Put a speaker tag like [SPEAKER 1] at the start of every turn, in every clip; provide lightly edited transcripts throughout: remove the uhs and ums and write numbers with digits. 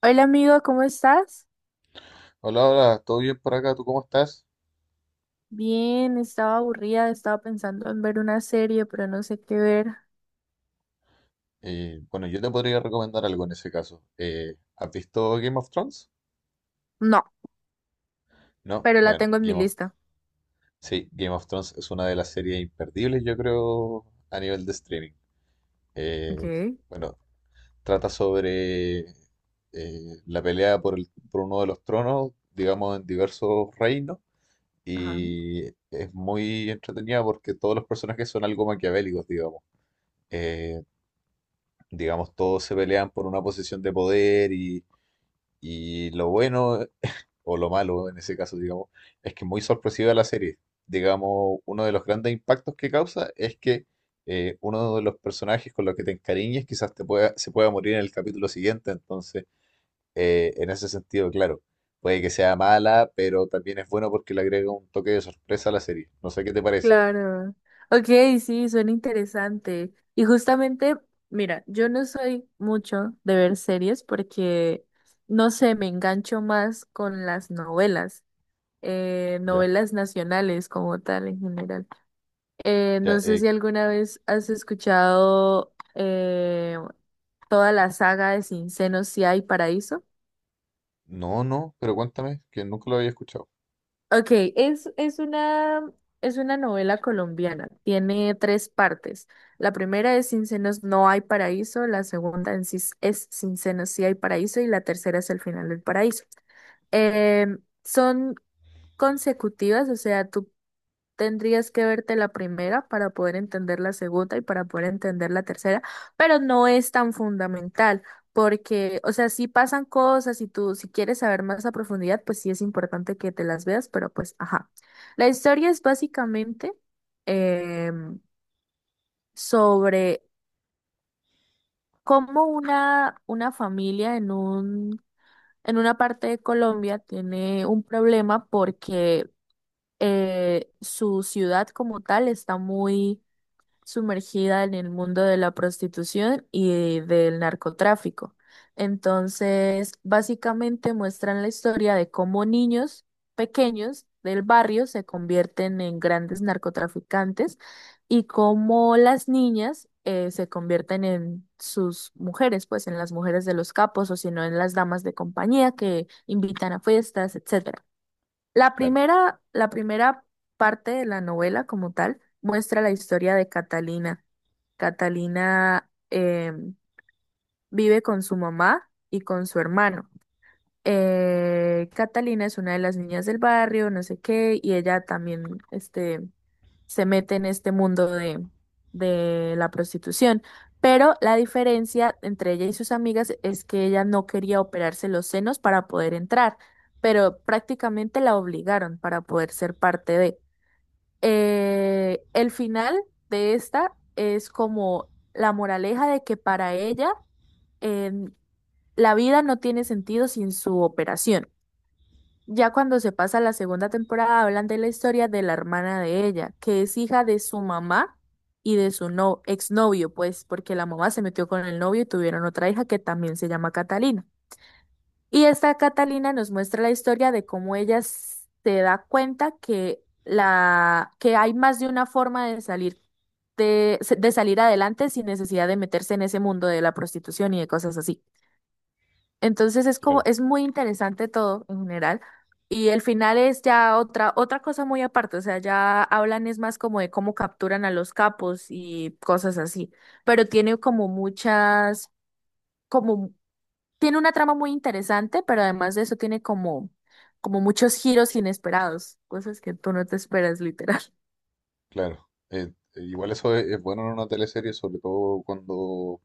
[SPEAKER 1] Hola amigo, ¿cómo estás?
[SPEAKER 2] Hola, hola, ¿todo bien por acá? ¿Tú cómo estás?
[SPEAKER 1] Bien, estaba aburrida, estaba pensando en ver una serie, pero no sé qué ver.
[SPEAKER 2] Bueno, yo te podría recomendar algo en ese caso. ¿Has visto Game of Thrones?
[SPEAKER 1] No,
[SPEAKER 2] No,
[SPEAKER 1] pero la
[SPEAKER 2] bueno,
[SPEAKER 1] tengo en mi
[SPEAKER 2] Game of...
[SPEAKER 1] lista.
[SPEAKER 2] Sí, Game of Thrones es una de las series imperdibles, yo creo, a nivel de streaming. Eh,
[SPEAKER 1] Okay,
[SPEAKER 2] bueno, trata sobre la pelea por uno de los tronos, digamos, en diversos reinos,
[SPEAKER 1] ajá.
[SPEAKER 2] y es muy entretenida porque todos los personajes son algo maquiavélicos, digamos. Eh, digamos, todos se pelean por una posición de poder y lo bueno, o lo malo en ese caso, digamos, es que es muy sorpresiva la serie. Digamos, uno de los grandes impactos que causa es que uno de los personajes con los que te encariñes se pueda morir en el capítulo siguiente, entonces, en ese sentido, claro, puede que sea mala, pero también es bueno porque le agrega un toque de sorpresa a la serie. No sé qué te parece.
[SPEAKER 1] Claro. Ok, sí, suena interesante. Y justamente, mira, yo no soy mucho de ver series porque, no sé, me engancho más con las novelas,
[SPEAKER 2] Ya,
[SPEAKER 1] novelas nacionales como tal en general.
[SPEAKER 2] ya,
[SPEAKER 1] No sé si alguna vez has escuchado toda la saga de Sin Senos, Si hay Paraíso.
[SPEAKER 2] no, no, pero cuéntame, que nunca lo había escuchado.
[SPEAKER 1] Ok, es, es una, es una novela colombiana. Tiene tres partes. La primera es Sin Senos, No hay Paraíso. La segunda en sí es Sin Senos, Si hay Paraíso. Y la tercera es El final del paraíso. Son consecutivas, o sea, tú tendrías que verte la primera para poder entender la segunda y para poder entender la tercera, pero no es tan fundamental porque, o sea, si pasan cosas y tú, si quieres saber más a profundidad, pues sí es importante que te las veas, pero pues, ajá. La historia es básicamente em, sobre cómo una familia en una parte de Colombia tiene un problema porque su ciudad como tal está muy sumergida en el mundo de la prostitución y del narcotráfico. Entonces, básicamente muestran la historia de cómo niños pequeños del barrio se convierten en grandes narcotraficantes y cómo las niñas se convierten en sus mujeres, pues en las mujeres de los capos o si no en las damas de compañía que invitan a fiestas, etc.
[SPEAKER 2] Claro,
[SPEAKER 1] La primera parte de la novela como tal muestra la historia de Catalina. Catalina vive con su mamá y con su hermano. Catalina es una de las niñas del barrio, no sé qué, y ella también, este, se mete en este mundo de la prostitución. Pero la diferencia entre ella y sus amigas es que ella no quería operarse los senos para poder entrar, pero prácticamente la obligaron para poder ser parte de. El final de esta es como la moraleja de que para ella em, la vida no tiene sentido sin su operación. Ya cuando se pasa a la segunda temporada, hablan de la historia de la hermana de ella, que es hija de su mamá y de su no exnovio, pues, porque la mamá se metió con el novio y tuvieron otra hija que también se llama Catalina. Y esta Catalina nos muestra la historia de cómo se da cuenta que la que hay más de una forma de salir de salir adelante sin necesidad de meterse en ese mundo de la prostitución y de cosas así. Entonces es como,
[SPEAKER 2] claro.
[SPEAKER 1] es muy interesante todo en general. Y el final es ya otra cosa muy aparte, o sea, ya hablan es más como de cómo capturan a los capos y cosas así, pero tiene como, tiene una trama muy interesante, pero además de eso tiene como muchos giros inesperados, cosas que tú no te esperas literal.
[SPEAKER 2] Claro, igual eso es bueno en una teleserie, sobre todo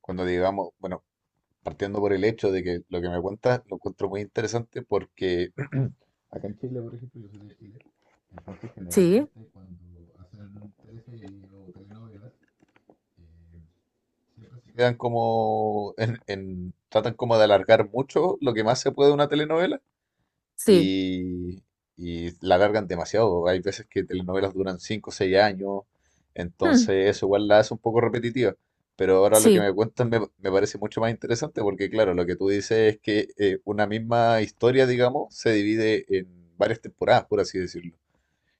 [SPEAKER 2] cuando digamos, bueno, partiendo por el hecho de que lo que me cuentas lo encuentro muy interesante porque, acá en Chile, por ejemplo, yo soy de Chile, entonces
[SPEAKER 1] Sí,
[SPEAKER 2] generalmente cuando hacen teleseries o telenovelas, eh, siempre se quedan como, tratan como de alargar mucho lo que más se puede de una telenovela
[SPEAKER 1] sí,
[SPEAKER 2] y, y la alargan demasiado. Hay veces que telenovelas duran 5 o 6 años,
[SPEAKER 1] hmm,
[SPEAKER 2] entonces eso igual la hace un poco repetitiva. Pero ahora lo que
[SPEAKER 1] sí,
[SPEAKER 2] me cuentan me parece mucho más interesante porque, claro, lo que tú dices es que una misma historia, digamos, se divide en varias temporadas, por así decirlo.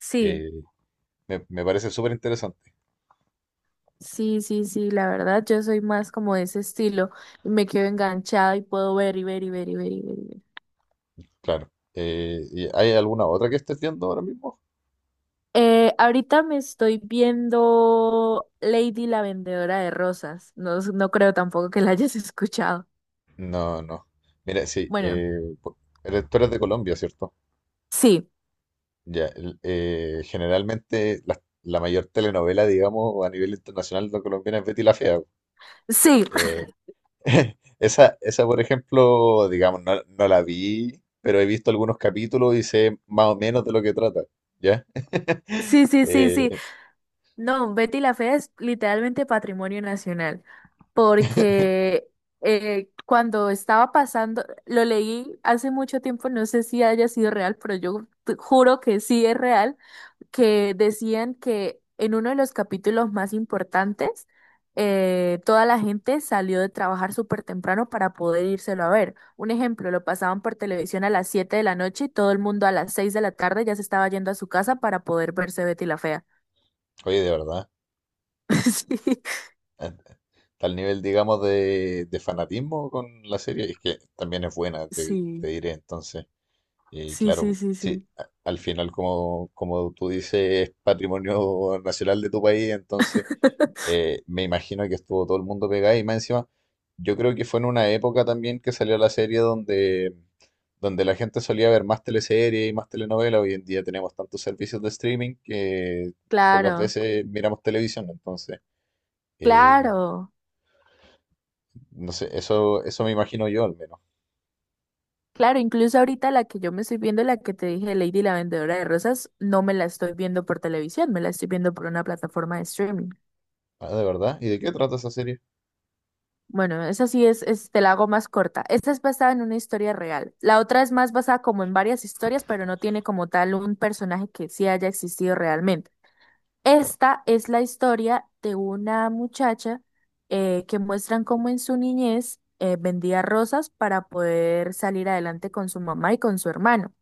[SPEAKER 1] sí.
[SPEAKER 2] Eh, me parece súper interesante,
[SPEAKER 1] Sí, sí, sí, la verdad yo soy más como de ese estilo. Me quedo enganchada y puedo ver y ver y ver y ver y ver. Y ver.
[SPEAKER 2] claro. ¿Y hay alguna otra que estés viendo ahora mismo?
[SPEAKER 1] Ahorita me estoy viendo Lady la vendedora de rosas. No, no creo tampoco que la hayas escuchado.
[SPEAKER 2] No, no. Mira, sí,
[SPEAKER 1] Bueno,
[SPEAKER 2] po- eres- tú eres de Colombia, ¿cierto?
[SPEAKER 1] sí,
[SPEAKER 2] Ya, generalmente la mayor telenovela, digamos, a nivel internacional no colombiana es Betty la Fea.
[SPEAKER 1] sí,
[SPEAKER 2] Eh, esa, por ejemplo, digamos, no, no la vi, pero he visto algunos capítulos y sé más o menos de lo que trata, ¿ya?
[SPEAKER 1] sí, sí, sí, sí.
[SPEAKER 2] Eh,
[SPEAKER 1] No, Betty la Fea es literalmente patrimonio nacional porque cuando estaba pasando, lo leí hace mucho tiempo, no sé si haya sido real, pero yo te juro que sí es real. Que decían que en uno de los capítulos más importantes, toda la gente salió de trabajar súper temprano para poder írselo a ver. Un ejemplo, lo pasaban por televisión a las 7 de la noche y todo el mundo a las 6 de la tarde ya se estaba yendo a su casa para poder verse Betty la Fea.
[SPEAKER 2] oye, de verdad, a tal nivel, digamos, de fanatismo con la serie, es que también es buena,
[SPEAKER 1] Sí,
[SPEAKER 2] te diré entonces. Y
[SPEAKER 1] sí, sí,
[SPEAKER 2] claro,
[SPEAKER 1] sí, sí,
[SPEAKER 2] sí,
[SPEAKER 1] sí.
[SPEAKER 2] al final, como tú dices, es patrimonio nacional de tu país, entonces me imagino que estuvo todo el mundo pegado y más encima, yo creo que fue en una época también que salió la serie donde la gente solía ver más teleseries y más telenovelas, hoy en día tenemos tantos servicios de streaming que pocas
[SPEAKER 1] Claro,
[SPEAKER 2] veces miramos televisión, entonces, eh,
[SPEAKER 1] claro,
[SPEAKER 2] no sé, eso me imagino yo al menos.
[SPEAKER 1] claro. Incluso ahorita la que yo me estoy viendo, la que te dije, Lady la Vendedora de Rosas, no me la estoy viendo por televisión, me la estoy viendo por una plataforma de streaming.
[SPEAKER 2] Ah, ¿de verdad? ¿Y de qué trata esa serie?
[SPEAKER 1] Bueno, esa sí te la hago más corta. Esta es basada en una historia real. La otra es más basada como en varias historias, pero no tiene como tal un personaje que sí haya existido realmente.
[SPEAKER 2] Claro,
[SPEAKER 1] Esta es la historia de una muchacha que muestran cómo en su niñez vendía rosas para poder salir adelante con su mamá y con su hermano.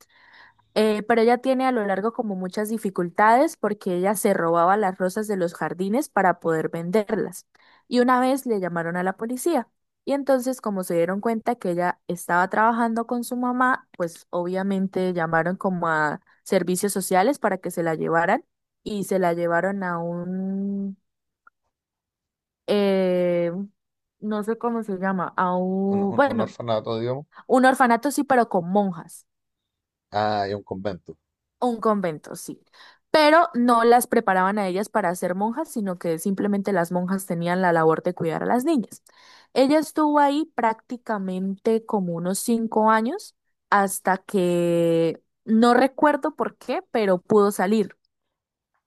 [SPEAKER 1] Pero ella tiene a lo largo como muchas dificultades porque ella se robaba las rosas de los jardines para poder venderlas. Y una vez le llamaron a la policía. Y entonces, como se dieron cuenta que ella estaba trabajando con su mamá, pues obviamente llamaron como a servicios sociales para que se la llevaran y se la llevaron a un, eh, no sé cómo se llama, a
[SPEAKER 2] un,
[SPEAKER 1] un,
[SPEAKER 2] un
[SPEAKER 1] bueno,
[SPEAKER 2] orfanato, digamos.
[SPEAKER 1] un orfanato sí, pero con monjas.
[SPEAKER 2] Ah, y un convento.
[SPEAKER 1] Un convento, sí. Pero no las preparaban a ellas para ser monjas, sino que simplemente las monjas tenían la labor de cuidar a las niñas. Ella estuvo ahí prácticamente como unos 5 años hasta que no recuerdo por qué, pero pudo salir.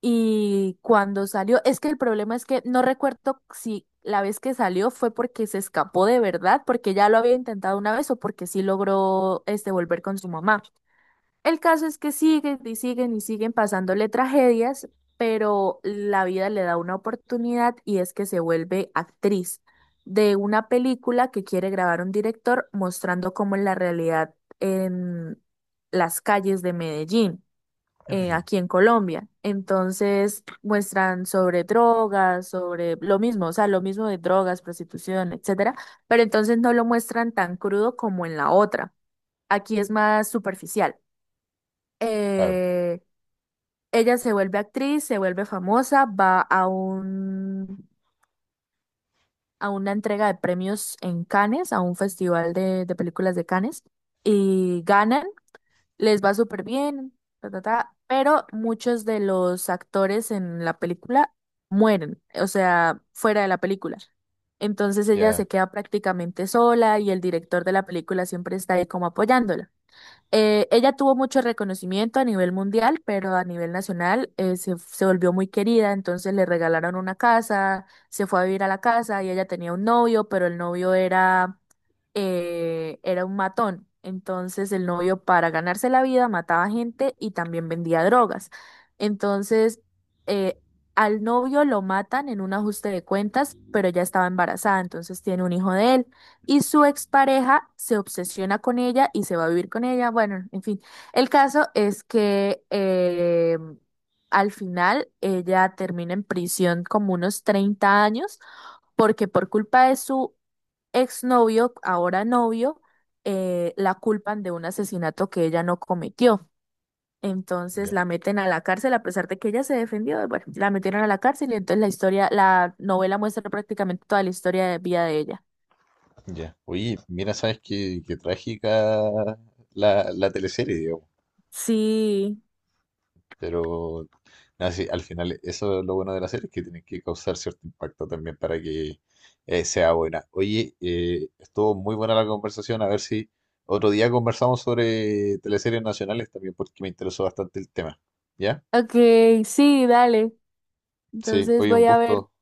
[SPEAKER 1] Y cuando salió, es que el problema es que no recuerdo si la vez que salió fue porque se escapó de verdad, porque ya lo había intentado una vez o porque sí logró volver con su mamá. El caso es que siguen y siguen y siguen pasándole tragedias, pero la vida le da una oportunidad y es que se vuelve actriz de una película que quiere grabar un director mostrando cómo es la realidad en las calles de Medellín, aquí en Colombia. Entonces muestran sobre drogas, sobre lo mismo, o sea, lo mismo de drogas, prostitución, etcétera, pero entonces no lo muestran tan crudo como en la otra. Aquí es más superficial,
[SPEAKER 2] Claro,
[SPEAKER 1] eh, ella se vuelve actriz, se vuelve famosa, va a un, a una entrega de premios en Cannes, a un festival de películas de Cannes, y ganan, les va súper bien, ta, ta, ta, pero muchos de los actores en la película mueren, o sea, fuera de la película. Entonces ella se
[SPEAKER 2] ya,
[SPEAKER 1] queda prácticamente sola y el director de la película siempre está ahí como apoyándola. Ella tuvo mucho reconocimiento a nivel mundial, pero a nivel nacional se volvió muy querida, entonces le regalaron una casa, se fue a vivir a la casa y ella tenía un novio, pero el novio era, era un matón. Entonces el novio para ganarse la vida mataba gente y también vendía drogas. Entonces, eh, al novio lo matan en un ajuste de cuentas, pero ella estaba embarazada, entonces tiene un hijo de él. Y su expareja se obsesiona con ella y se va a vivir con ella. Bueno, en fin. El caso es que al final ella termina en prisión como unos 30 años porque por culpa de su exnovio, ahora novio, la culpan de un asesinato que ella no cometió. Entonces
[SPEAKER 2] ya,
[SPEAKER 1] la meten a la cárcel a pesar de que ella se defendió. Bueno, la metieron a la cárcel y entonces la novela muestra prácticamente toda la historia de vida de ella.
[SPEAKER 2] ya. Oye, mira, sabes qué, qué trágica la teleserie, digamos.
[SPEAKER 1] Sí,
[SPEAKER 2] Pero nada, sí, al final eso es lo bueno de la serie, es que tiene que causar cierto impacto también para que sea buena. Oye, estuvo muy buena la conversación, a ver si otro día conversamos sobre teleseries nacionales también, porque me interesó bastante el tema. ¿Ya?
[SPEAKER 1] ok, sí, dale.
[SPEAKER 2] Sí,
[SPEAKER 1] Entonces
[SPEAKER 2] oye, un
[SPEAKER 1] voy a ver
[SPEAKER 2] gusto.